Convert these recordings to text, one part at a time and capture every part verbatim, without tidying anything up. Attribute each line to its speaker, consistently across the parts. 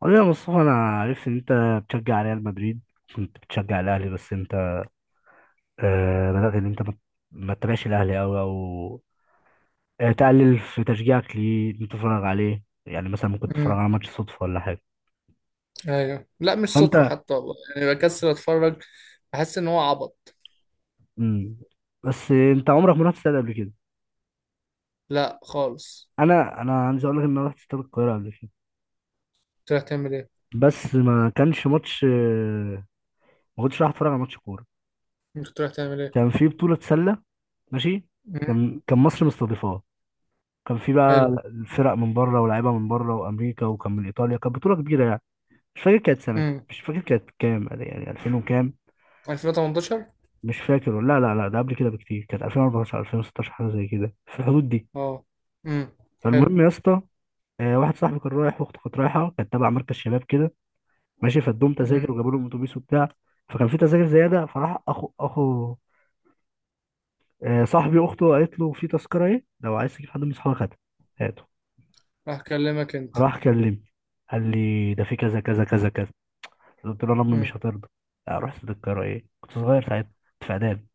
Speaker 1: قول لي يا مصطفى، انا عرفت ان انت بتشجع ريال مدريد. كنت بتشجع الاهلي، بس انت آه بدأت ان انت ما ما تتابعش الاهلي قوي، او آه تقلل في تشجيعك. ليه إن أنت تتفرج عليه؟ يعني مثلا ممكن تتفرج
Speaker 2: امم
Speaker 1: على ماتش صدفة ولا حاجة؟
Speaker 2: ايوه، لا مش
Speaker 1: فانت...
Speaker 2: صدفة حتى والله، يعني بكسل اتفرج. بحس ان هو عبط.
Speaker 1: مم. بس انت عمرك ما رحت استاد قبل كده.
Speaker 2: لا خالص.
Speaker 1: انا انا عايز اقول لك ان انا رحت استاد القاهرة قبل كده،
Speaker 2: كنت رايح تعمل ايه
Speaker 1: بس ما كانش ماتش. آه، ما كنتش رايح اتفرج على ماتش كورة،
Speaker 2: انت كنت رايح تعمل ايه؟
Speaker 1: كان في بطولة سلة. ماشي.
Speaker 2: امم
Speaker 1: كان كان مصر مستضيفاه. كان في بقى
Speaker 2: حلو.
Speaker 1: الفرق من بره، ولاعيبه من بره وامريكا، وكان من ايطاليا. كانت بطوله كبيره يعني. مش فاكر كانت سنه،
Speaker 2: امم
Speaker 1: مش فاكر كانت كام، يعني ألفين وكام.
Speaker 2: ألفين وتمنتاشر.
Speaker 1: مش فاكر، لا لا لا، ده قبل كده بكتير، كانت ألفين واربعتاشر ألفين وستاشر، حاجه زي كده، في الحدود دي.
Speaker 2: اه. امم حلو.
Speaker 1: فالمهم يا اسطى، آه، واحد صاحبي كان رايح، واخته كانت رايحه، كانت تبع مركز شباب كده. ماشي، فادوهم
Speaker 2: امم
Speaker 1: تذاكر، وجابوا لهم اتوبيس وبتاع. فكان في تذاكر زياده، فراح اخو اخو آه، صاحبي، اخته قالت له في تذكره، ايه لو عايز تجيب حد من اصحابك؟ هاتها، هاته.
Speaker 2: هكلمك انت.
Speaker 1: راح كلمني، قال لي ده في كذا كذا كذا كذا. قلت له لأ، امي
Speaker 2: امم
Speaker 1: مش هترضى. رحت للقاهرة، ايه، كنت صغير ساعتها، كنت في اعدادي.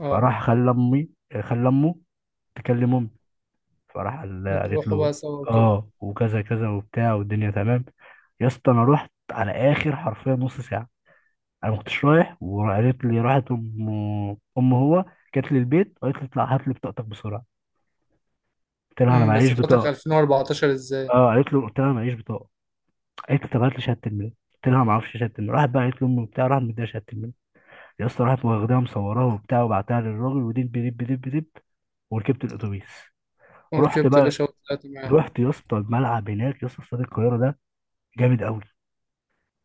Speaker 2: اه،
Speaker 1: فراح خلى امي، خلى امه تكلم امي. فراح قال- قالت
Speaker 2: وتروحوا بقى
Speaker 1: له
Speaker 2: سوا وكده.
Speaker 1: اه وكذا كذا وبتاع والدنيا تمام. يا اسطى انا رحت على اخر، حرفيا نص ساعه، انا ما كنتش رايح، وقالت لي، راحت ام ام هو جت لي البيت وقالت لي اطلع هات لي بطاقتك بسرعه. قلت لها انا
Speaker 2: امم بس
Speaker 1: معيش
Speaker 2: فاتك
Speaker 1: بطاقه.
Speaker 2: ألفين واربعتاشر ازاي؟
Speaker 1: اه، قالت له، قلت لها انا معيش بطاقه. قالت لي طب هات لي شهاده الميلاد. قلت لها ما اعرفش شهاده الميلاد. راحت بقى قالت لي امي وبتاع، راحت مديها شهاده الميلاد. يا اسطى، راحت واخداها مصوراها وبتاع، وبعتها للراجل، ودب دب دب دب، وركبت الاتوبيس. رحت
Speaker 2: وركبت يا
Speaker 1: بقى،
Speaker 2: باشا وطلعت معاه.
Speaker 1: رحت يا اسطى الملعب هناك، يا اسطى استاد القاهره ده جامد قوي.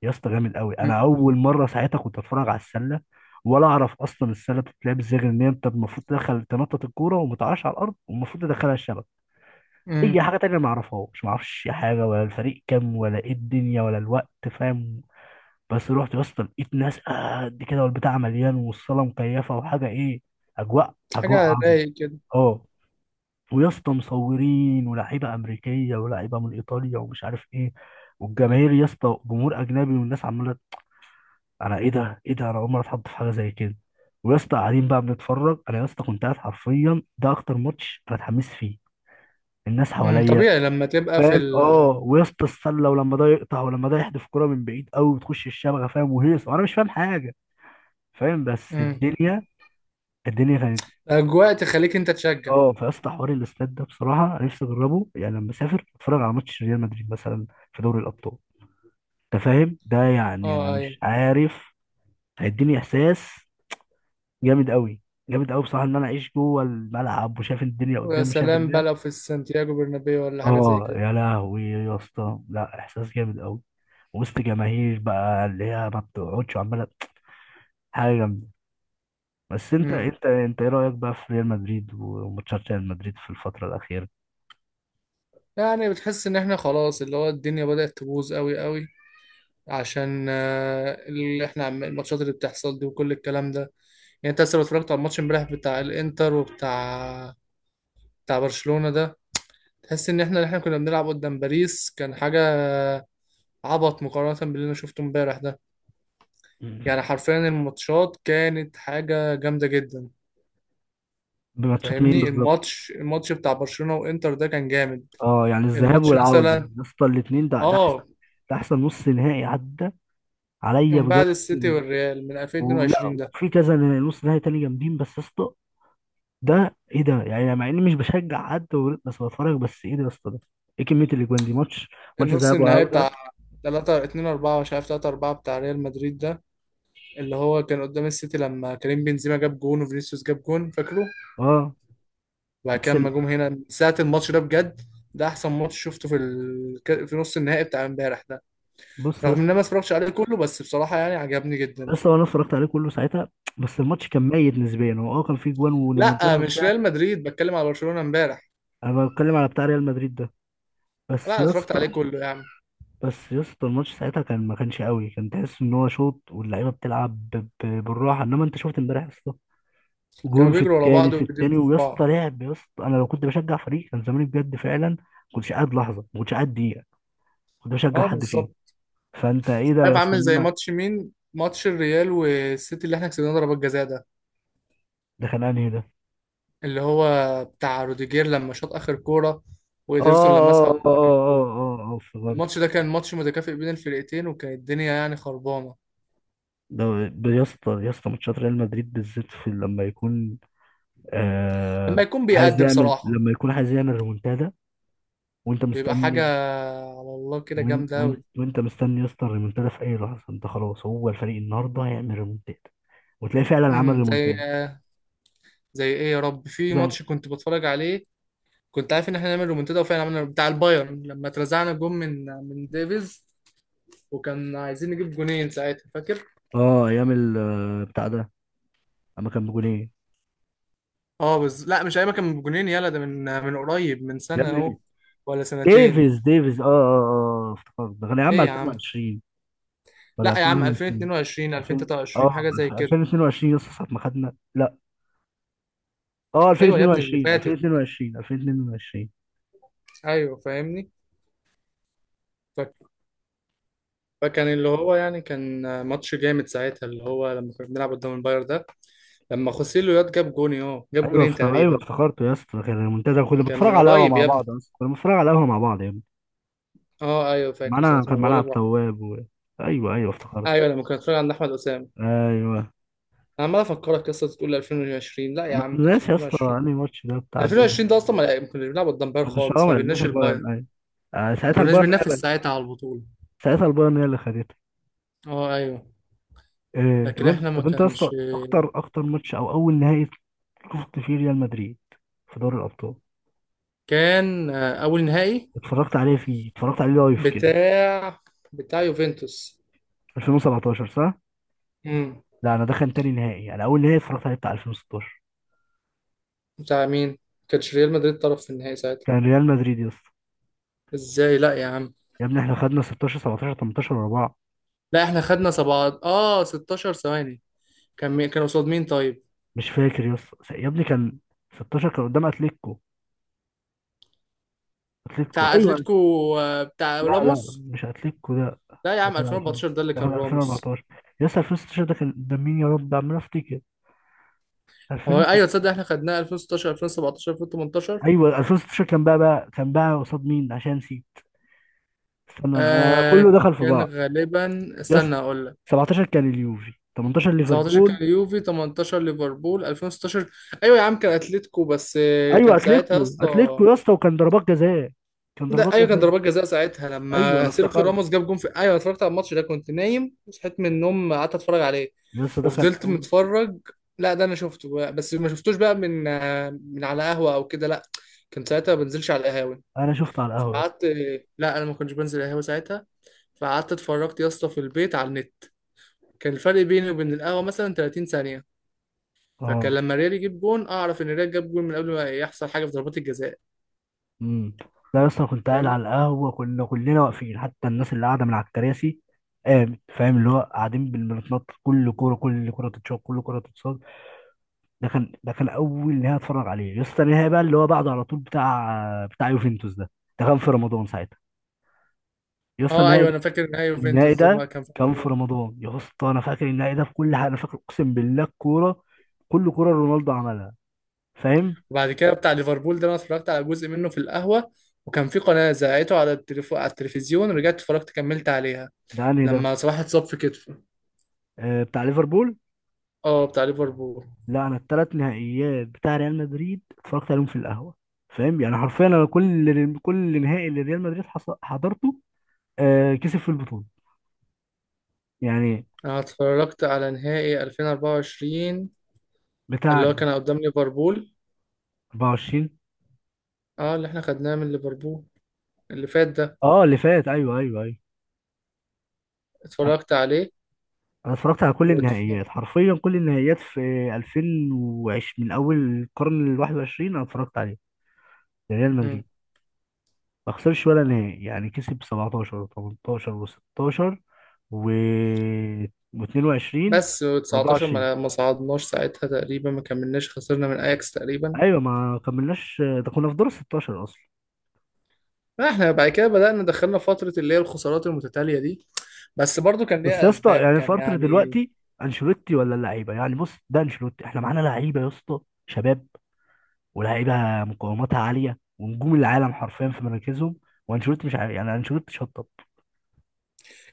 Speaker 1: يا اسطى جامد قوي،
Speaker 2: امم
Speaker 1: انا اول مره ساعتها كنت اتفرج على السله، ولا اعرف اصلا السله بتتلعب ازاي، غير ان انت المفروض تدخل تنطط الكوره، وما تقعش على الارض، والمفروض تدخلها الشبكه. اي
Speaker 2: امم
Speaker 1: حاجه تانية ما اعرفهاش، ما اعرفش حاجه، ولا الفريق كام، ولا ايه الدنيا، ولا الوقت، فاهم؟ بس رحت يا اسطى، لقيت ناس قد كده، والبتاع مليان، والصاله مكيفه، وحاجه، ايه، اجواء اجواء
Speaker 2: حاجة
Speaker 1: عظمه.
Speaker 2: رايق كده.
Speaker 1: اه، ويا اسطى مصورين، ولاعيبه امريكيه، ولاعيبه من ايطاليا، ومش عارف ايه، والجماهير يا اسطى، جمهور اجنبي، والناس عماله. انا ايه ده ايه ده، انا اول مره اتحط في حاجه زي كده. ويا اسطى قاعدين بقى بنتفرج، انا يا اسطى كنت قاعد حرفيا، ده اكتر ماتش انا اتحمست فيه، الناس
Speaker 2: امم
Speaker 1: حواليا،
Speaker 2: طبيعي لما تبقى في
Speaker 1: فاهم؟
Speaker 2: ال-
Speaker 1: اه، ويا اسطى السله، ولما ده يقطع، ولما ده يحدف كرة من بعيد قوي وتخش الشبكه، فاهم، وهيص، وانا مش فاهم حاجه، فاهم؟ بس
Speaker 2: امم
Speaker 1: الدنيا، الدنيا كانت...
Speaker 2: الاجواء تخليك انت تشجع.
Speaker 1: اه، في اسطى حوار الاستاد ده، بصراحه أنا نفسي اجربه، يعني لما اسافر اتفرج على ماتش ريال مدريد مثلا في دوري الابطال. انت فاهم ده يعني؟ انا
Speaker 2: اه، ايوه.
Speaker 1: مش عارف، هيديني احساس جامد قوي، جامد قوي بصراحه، ان انا اعيش جوه الملعب، وشايف الدنيا
Speaker 2: ويا
Speaker 1: قدامي، شايف
Speaker 2: سلام بقى
Speaker 1: اللعب.
Speaker 2: لو في سانتياغو برنابيو ولا حاجة زي
Speaker 1: اه
Speaker 2: كده.
Speaker 1: يا لهوي يا اسطى، لا احساس جامد قوي، وسط جماهير بقى اللي هي ما بتقعدش عماله، حاجه جامده. بس انت
Speaker 2: امم
Speaker 1: انت انت ايه رايك بقى في ريال مدريد، وماتشات ريال مدريد في الفتره الاخيره؟
Speaker 2: يعني بتحس ان احنا خلاص، اللي هو الدنيا بدأت تبوظ قوي قوي، عشان آه، اللي احنا عم- الماتشات اللي بتحصل دي وكل الكلام ده. يعني انت لسه اتفرجت على الماتش امبارح بتاع الانتر، وبتاع بتاع برشلونة ده. تحس ان احنا اللي احنا كنا بنلعب قدام باريس كان حاجة عبط مقارنة باللي انا شفته امبارح ده. يعني حرفيا الماتشات كانت حاجة جامدة جدا.
Speaker 1: بماتشات مين
Speaker 2: فاهمني؟
Speaker 1: بالظبط؟
Speaker 2: الماتش الماتش بتاع برشلونة وانتر ده كان جامد.
Speaker 1: اه يعني الذهاب
Speaker 2: الماتش
Speaker 1: والعودة
Speaker 2: مثلا.
Speaker 1: يا اسطى، الاتنين، ده ده احسن،
Speaker 2: اه.
Speaker 1: ده احسن نص نهائي عدى عليا
Speaker 2: من
Speaker 1: بجد.
Speaker 2: بعد السيتي والريال من
Speaker 1: ولا
Speaker 2: ألفين واتنين وعشرين ده.
Speaker 1: وفي كذا نص نهائي تاني جامدين، بس يا اسطى ده ايه ده يعني؟ مع اني مش بشجع حد و- بس بتفرج، بس ايه ده يا اسطى ده؟ ايه كمية الاجوان دي؟ ماتش، ماتش
Speaker 2: النص
Speaker 1: ذهاب
Speaker 2: النهائي
Speaker 1: وعودة.
Speaker 2: بتاع ثلاثة اثنين اربعة، مش عارف، ثلاثة اربعة بتاع ريال مدريد ده، اللي هو كان قدام السيتي لما كريم بنزيما جاب جون، وفينيسيوس جاب جون، فاكره؟
Speaker 1: اه،
Speaker 2: وبعد كده
Speaker 1: بس
Speaker 2: لما
Speaker 1: ال...
Speaker 2: جم هنا من ساعة الماتش ده بجد، ده احسن ماتش شفته في ال... ك- في نص النهائي بتاع امبارح ده،
Speaker 1: بص يا
Speaker 2: رغم ان
Speaker 1: اسطى.
Speaker 2: انا ما اتفرجتش عليه كله، بس بصراحة يعني عجبني
Speaker 1: يا
Speaker 2: جدا.
Speaker 1: اسطى انا اتفرجت عليه كله ساعتها، بس الماتش كان ميت نسبيا، هو اه كان فيه جوان وريمونتادا
Speaker 2: لا مش
Speaker 1: وبتاع.
Speaker 2: ريال مدريد، بتكلم على برشلونة امبارح.
Speaker 1: انا بتكلم على بتاع ريال مدريد ده.
Speaker 2: لا
Speaker 1: بس
Speaker 2: أنا
Speaker 1: يا
Speaker 2: اتفرجت
Speaker 1: اسطى،
Speaker 2: عليه كله يعني.
Speaker 1: بس يا اسطى الماتش ساعتها كان، ما كانش قوي، كان تحس ان هو شوط، واللعيبه بتلعب ب- ب- بالراحه. انما انت شفت امبارح يا اسطى،
Speaker 2: كانوا
Speaker 1: جول في
Speaker 2: بيجروا ورا
Speaker 1: التاني
Speaker 2: بعض
Speaker 1: في التاني،
Speaker 2: وبيدبوا في
Speaker 1: ويا اسطى
Speaker 2: بعض.
Speaker 1: لعب، يا اسطى انا لو كنت بشجع فريق كان زماني بجد فعلا ما كنتش قاعد لحظه، ما كنتش قاعد دقيقه، كنت بشجع
Speaker 2: اه،
Speaker 1: حد فيهم.
Speaker 2: بالظبط.
Speaker 1: فانت ايه ده
Speaker 2: عارف
Speaker 1: يا اسطى،
Speaker 2: عامل
Speaker 1: ان
Speaker 2: زي
Speaker 1: انا
Speaker 2: ماتش مين؟ ماتش الريال والسيتي اللي احنا كسبناه ضربات جزاء ده،
Speaker 1: ده كان انهي ده؟
Speaker 2: اللي هو بتاع روديجير لما شاط اخر كوره وإيدرسون
Speaker 1: اه
Speaker 2: لمسها
Speaker 1: اه
Speaker 2: ودخل
Speaker 1: اه اه
Speaker 2: الجول.
Speaker 1: اه اه افتكرت.
Speaker 2: الماتش ده كان ماتش متكافئ بين الفرقتين، وكانت الدنيا يعني خربانه.
Speaker 1: ده ب- يا اسطى، يا اسطى ماتشات ريال مدريد بالذات، في لما يكون،
Speaker 2: لما
Speaker 1: آه
Speaker 2: يكون
Speaker 1: عايز
Speaker 2: بيأدي
Speaker 1: يعمل،
Speaker 2: بصراحه
Speaker 1: لما يكون عايز يعمل ريمونتادا وانت
Speaker 2: بيبقى حاجه
Speaker 1: مستني،
Speaker 2: على الله كده
Speaker 1: وان
Speaker 2: جامده قوي.
Speaker 1: وان وانت مستني يا اسطى الريمونتادا في اي لحظه، انت خلاص هو الفريق النهارده هيعمل ريمونتادا، وتلاقيه فعلا عمل
Speaker 2: امم زي
Speaker 1: ريمونتادا.
Speaker 2: زي ايه يا رب؟ في
Speaker 1: زي
Speaker 2: ماتش كنت بتفرج عليه كنت عارف ان احنا هنعمل رومنتادا وفعلا عملنا، بتاع البايرن لما اترزعنا جون من من ديفيز، وكان عايزين نجيب جونين ساعتها، فاكر؟
Speaker 1: اه ايام ال- آه، بتاع ده، اما كان بجونين
Speaker 2: اه، بس لا مش ايما كان بجنين، يلا ده من من قريب، من
Speaker 1: يا
Speaker 2: سنة اهو
Speaker 1: ابني.
Speaker 2: ولا سنتين.
Speaker 1: ديفيز ديفيز اه اه اه افتكرت، ده كان يا عم
Speaker 2: ايه يا عم؟
Speaker 1: ألفين وعشرين ولا
Speaker 2: لا يا عم
Speaker 1: ألفين وعشرين،
Speaker 2: ألفين واتنين وعشرين
Speaker 1: ألفين،
Speaker 2: ألفين وتلاتة وعشرين
Speaker 1: اه
Speaker 2: حاجة زي كده.
Speaker 1: ألفين واتنين وعشرين. يا اسطى ساعه ما خدنا، لا اه،
Speaker 2: ايوه يا ابني اللي
Speaker 1: ألفين واتنين وعشرين
Speaker 2: فاتت.
Speaker 1: ألفين واتنين وعشرين ألفين واتنين وعشرين.
Speaker 2: ايوه فاهمني. ف- فكان اللي هو يعني كان ماتش جامد ساعتها، اللي هو لما كنا بنلعب قدام الباير ده، لما خوسيلو ياد جاب جون، اه جاب
Speaker 1: ايوه
Speaker 2: جونين
Speaker 1: افتكر، ايوه
Speaker 2: تقريبا.
Speaker 1: افتكرته يا اسطى، كان المنتدى،
Speaker 2: ما
Speaker 1: كنا
Speaker 2: كان
Speaker 1: بنتفرج على
Speaker 2: من
Speaker 1: القهوه
Speaker 2: قريب
Speaker 1: مع
Speaker 2: يا ابني.
Speaker 1: بعض، اصلا كنا بنتفرج على القهوه مع بعض يا ابني.
Speaker 2: اه، ايوه فاكر
Speaker 1: معانا
Speaker 2: ساعتها،
Speaker 1: كان
Speaker 2: ما
Speaker 1: معانا
Speaker 2: بقول
Speaker 1: عبد
Speaker 2: لك.
Speaker 1: التواب و... ايوه ايوه افتكرت.
Speaker 2: ايوه لما كنا بنتفرج عند احمد اسامه.
Speaker 1: ايوه،
Speaker 2: انا عمال افكرك قصه تقول ألفين وعشرين، لا يا
Speaker 1: انا
Speaker 2: عم ما كانش
Speaker 1: ناسي يا اسطى
Speaker 2: ألفين وعشرين.
Speaker 1: انهي ماتش ده بتاع دي.
Speaker 2: ألفين وعشرين ده اصلا ما ما كناش بنلعب قدام باير
Speaker 1: احنا مش اه
Speaker 2: خالص،
Speaker 1: ما
Speaker 2: ما
Speaker 1: لعبناش
Speaker 2: بيناش الباير.
Speaker 1: البايرن، ايوه. آه،
Speaker 2: ما
Speaker 1: ساعتها
Speaker 2: كناش
Speaker 1: البايرن هي
Speaker 2: بننافس
Speaker 1: اللي
Speaker 2: ساعتها على البطوله.
Speaker 1: ساعتها البايرن هي اللي خدتها.
Speaker 2: اه، ايوه.
Speaker 1: إيه طب
Speaker 2: لكن
Speaker 1: انت
Speaker 2: احنا ما
Speaker 1: طب انت يا اسطى،
Speaker 2: كانش.
Speaker 1: اكتر اكتر ماتش، او اول نهائي شفت فيه ريال مدريد في دوري الابطال،
Speaker 2: كان آه، اول نهائي
Speaker 1: اتفرجت عليه فيه، اتفرجت عليه لايف كده؟
Speaker 2: بتاع بتاع يوفنتوس.
Speaker 1: ألفين وسبعتاشر صح؟
Speaker 2: امم
Speaker 1: لا، انا ده كان تاني نهائي، انا اول نهائي اتفرجت عليه بتاع ألفين وستاشر.
Speaker 2: بتاع مين؟ ما كانش ريال مدريد طرف في النهائي ساعتها.
Speaker 1: كان ريال مدريد يا اسطى،
Speaker 2: ازاي؟ لا يا عم.
Speaker 1: يا ابني احنا خدنا ستاشر سبعتاشر تمنتاشر ورا بعض.
Speaker 2: لا احنا خدنا سبعة، اه ستاشر ثواني. كان مي... كان قصاد مين طيب؟
Speaker 1: مش فاكر، يس يا ابني كان ستة عشر كان قدام اتلتيكو، اتلتيكو
Speaker 2: بتاع
Speaker 1: ايوه.
Speaker 2: اتلتيكو. آه، بتاع
Speaker 1: لا لا
Speaker 2: راموس.
Speaker 1: مش اتلتيكو ده،
Speaker 2: لا يا
Speaker 1: ده
Speaker 2: عم
Speaker 1: كان ألفين،
Speaker 2: ألفين واربعتاشر ده اللي
Speaker 1: ده
Speaker 2: كان
Speaker 1: كان
Speaker 2: راموس.
Speaker 1: ألفين واربعتاشر. يس ألفين وستاشر ده كان قدام مين يا رب؟ عمال افتكر.
Speaker 2: هو
Speaker 1: ألفين وستة؟
Speaker 2: ايوه، تصدق احنا خدناه ألفين وستاشر ألفين وسبعتاشر ألفين وتمنتاشر؟
Speaker 1: ايوه ألفين وستاشر كان بقى، بقى كان بقى قصاد مين عشان نسيت؟ استنى انا أنا كله
Speaker 2: آه
Speaker 1: دخل في
Speaker 2: كان
Speaker 1: بعض.
Speaker 2: غالبا،
Speaker 1: يس،
Speaker 2: استنى اقول لك.
Speaker 1: سبعتاشر كان اليوفي، تمنتاشر
Speaker 2: سبعتاشر كان
Speaker 1: ليفربول.
Speaker 2: اليوفي تمنتاشر ليفربول ألفين وستة عشر. ايوه يا عم كان اتلتيكو، بس آه،
Speaker 1: ايوه
Speaker 2: كان ساعتها
Speaker 1: اتلتيكو،
Speaker 2: يا اسطى.
Speaker 1: اتلتيكو يا اسطى، وكان ضربات جزاء، كان
Speaker 2: ده
Speaker 1: ضربات
Speaker 2: ايوه كان
Speaker 1: جزاء.
Speaker 2: ضربات جزاء ساعتها،
Speaker 1: ايوه
Speaker 2: لما
Speaker 1: انا
Speaker 2: سيرخيو
Speaker 1: افتكرت،
Speaker 2: راموس جاب جون في، ايوه، أنا اتفرجت على الماتش ده، كنت نايم وصحيت من النوم، قعدت اتفرج عليه
Speaker 1: يا اسطى ده كان
Speaker 2: وفضلت
Speaker 1: اول.
Speaker 2: متفرج. لا ده انا شفته بقى. بس ما شفتوش بقى من آه، من على قهوه او كده، لا، كنت ساعتها ما بنزلش على القهاوي.
Speaker 1: انا شفته على القهوه يا اسطى.
Speaker 2: فقعدت. لا انا ما كنتش بنزل قهاوي ساعتها. فقعدت اتفرجت يا اسطى في البيت على النت. كان الفرق بيني وبين القهوة مثلا 30 ثانية. فكان
Speaker 1: اه،
Speaker 2: لما الريال يجيب جون، أه، أعرف إن الريال جاب جون من قبل ما يحصل حاجة في ضربات الجزاء.
Speaker 1: امم. لا يا اسطى، كنت قاعد
Speaker 2: فاهمني؟
Speaker 1: على القهوه، كنا كلنا واقفين، حتى الناس اللي قاعده من على الكراسي قامت، فاهم، اللي هو قاعدين بال- بنتنطط كل كوره، كل كوره تتشاط، كل كوره تتصاد. ده كان ده كان اول نهائي اتفرج عليه يا اسطى. النهائي بقى اللي هو بعده على طول بتاع بتاع يوفنتوس ده، ده كان في رمضان ساعتها، يا اسطى
Speaker 2: أه،
Speaker 1: النهائي
Speaker 2: أيوه
Speaker 1: ده،
Speaker 2: أنا فاكر نهائي
Speaker 1: النهائي
Speaker 2: يوفنتوس ده، ما
Speaker 1: ده
Speaker 2: كان في
Speaker 1: كان
Speaker 2: الموضوع
Speaker 1: في
Speaker 2: ده.
Speaker 1: رمضان يا اسطى. انا فاكر النهائي ده في كل حاجه، انا فاكر اقسم بالله الكوره، كل كوره رونالدو عملها، فاهم؟
Speaker 2: وبعد كده بتاع ليفربول ده أنا اتفرجت على جزء منه في القهوة، وكان في قناة زرعته على التليف... على التلفزيون، رجعت اتفرجت كملت عليها
Speaker 1: ده انهي ده؟
Speaker 2: لما صلاح اتصاب في كتفه.
Speaker 1: آه بتاع ليفربول.
Speaker 2: أه، بتاع ليفربول.
Speaker 1: لا انا الثلاث نهائيات بتاع ريال مدريد اتفرجت عليهم في القهوه، فاهم يعني حرفيا، انا كل كل نهائي اللي ريال مدريد حص- حضرته، آه، كسب في البطوله، يعني.
Speaker 2: أنا اتفرجت على نهائي ألفين واربعة وعشرين اللي
Speaker 1: بتاع
Speaker 2: هو كان قدام ليفربول،
Speaker 1: اربعة وعشرين،
Speaker 2: أه اللي إحنا خدناه من ليفربول اللي فات ده،
Speaker 1: اه اللي فات، ايوه ايوه ايوه. انا
Speaker 2: اتفرجت عليه.
Speaker 1: أنا اتفرجت على كل
Speaker 2: واتف...
Speaker 1: النهائيات حرفيا، كل النهائيات في ألفين وعشرين، من اول القرن ال الحادي والعشرين انا اتفرجت عليه. ريال مدريد ما خسرش ولا نهائي، يعني كسب سبعتاشر و18 و16 و، و22
Speaker 2: بس و19
Speaker 1: و24.
Speaker 2: ما ما صعدناش ساعتها تقريبا، ما كملناش، خسرنا من اياكس تقريبا.
Speaker 1: ايوه ما كملناش، ده كنا في دور ال ستاشر اصلا.
Speaker 2: احنا بعد كده بدأنا دخلنا فترة اللي هي الخسارات المتتالية دي. بس برضو كان
Speaker 1: بس يا
Speaker 2: ليها
Speaker 1: اسطى،
Speaker 2: اسباب،
Speaker 1: يعني
Speaker 2: كان
Speaker 1: الفرق
Speaker 2: يعني.
Speaker 1: دلوقتي انشيلوتي ولا اللعيبه؟ يعني بص، ده انشيلوتي احنا معانا لعيبه يا اسطى شباب، ولاعيبه مقاوماتها عاليه، ونجوم العالم حرفيا في مراكزهم. وانشيلوتي مش عارف، يعني انشيلوتي شطب،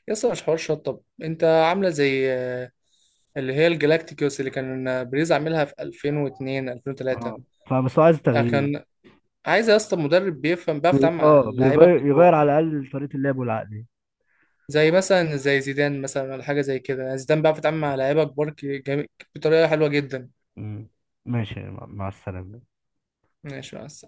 Speaker 2: يسطا مش حوار شطب، انت عاملة زي آه، اللي هي الجلاكتيكوس اللي كان بريز عاملها في ألفين واثنين ألفين وثلاثة.
Speaker 1: اه، فبس هو عايز تغيير.
Speaker 2: كان عايز يا اسطى مدرب بيفهم، بيعرف
Speaker 1: بي...
Speaker 2: يتعامل مع
Speaker 1: اه
Speaker 2: اللعيبه
Speaker 1: بيغير، يغير
Speaker 2: الكبار.
Speaker 1: على الاقل طريقه اللعب والعقليه.
Speaker 2: زي مثلا زي زيدان مثلا ولا حاجه زي كده يعني. زيدان بيعرف يتعامل مع لعيبه كبار ك- جم- بطريقه حلوه جدا.
Speaker 1: مم. ماشي، مع مع السلامه.
Speaker 2: ماشي بس.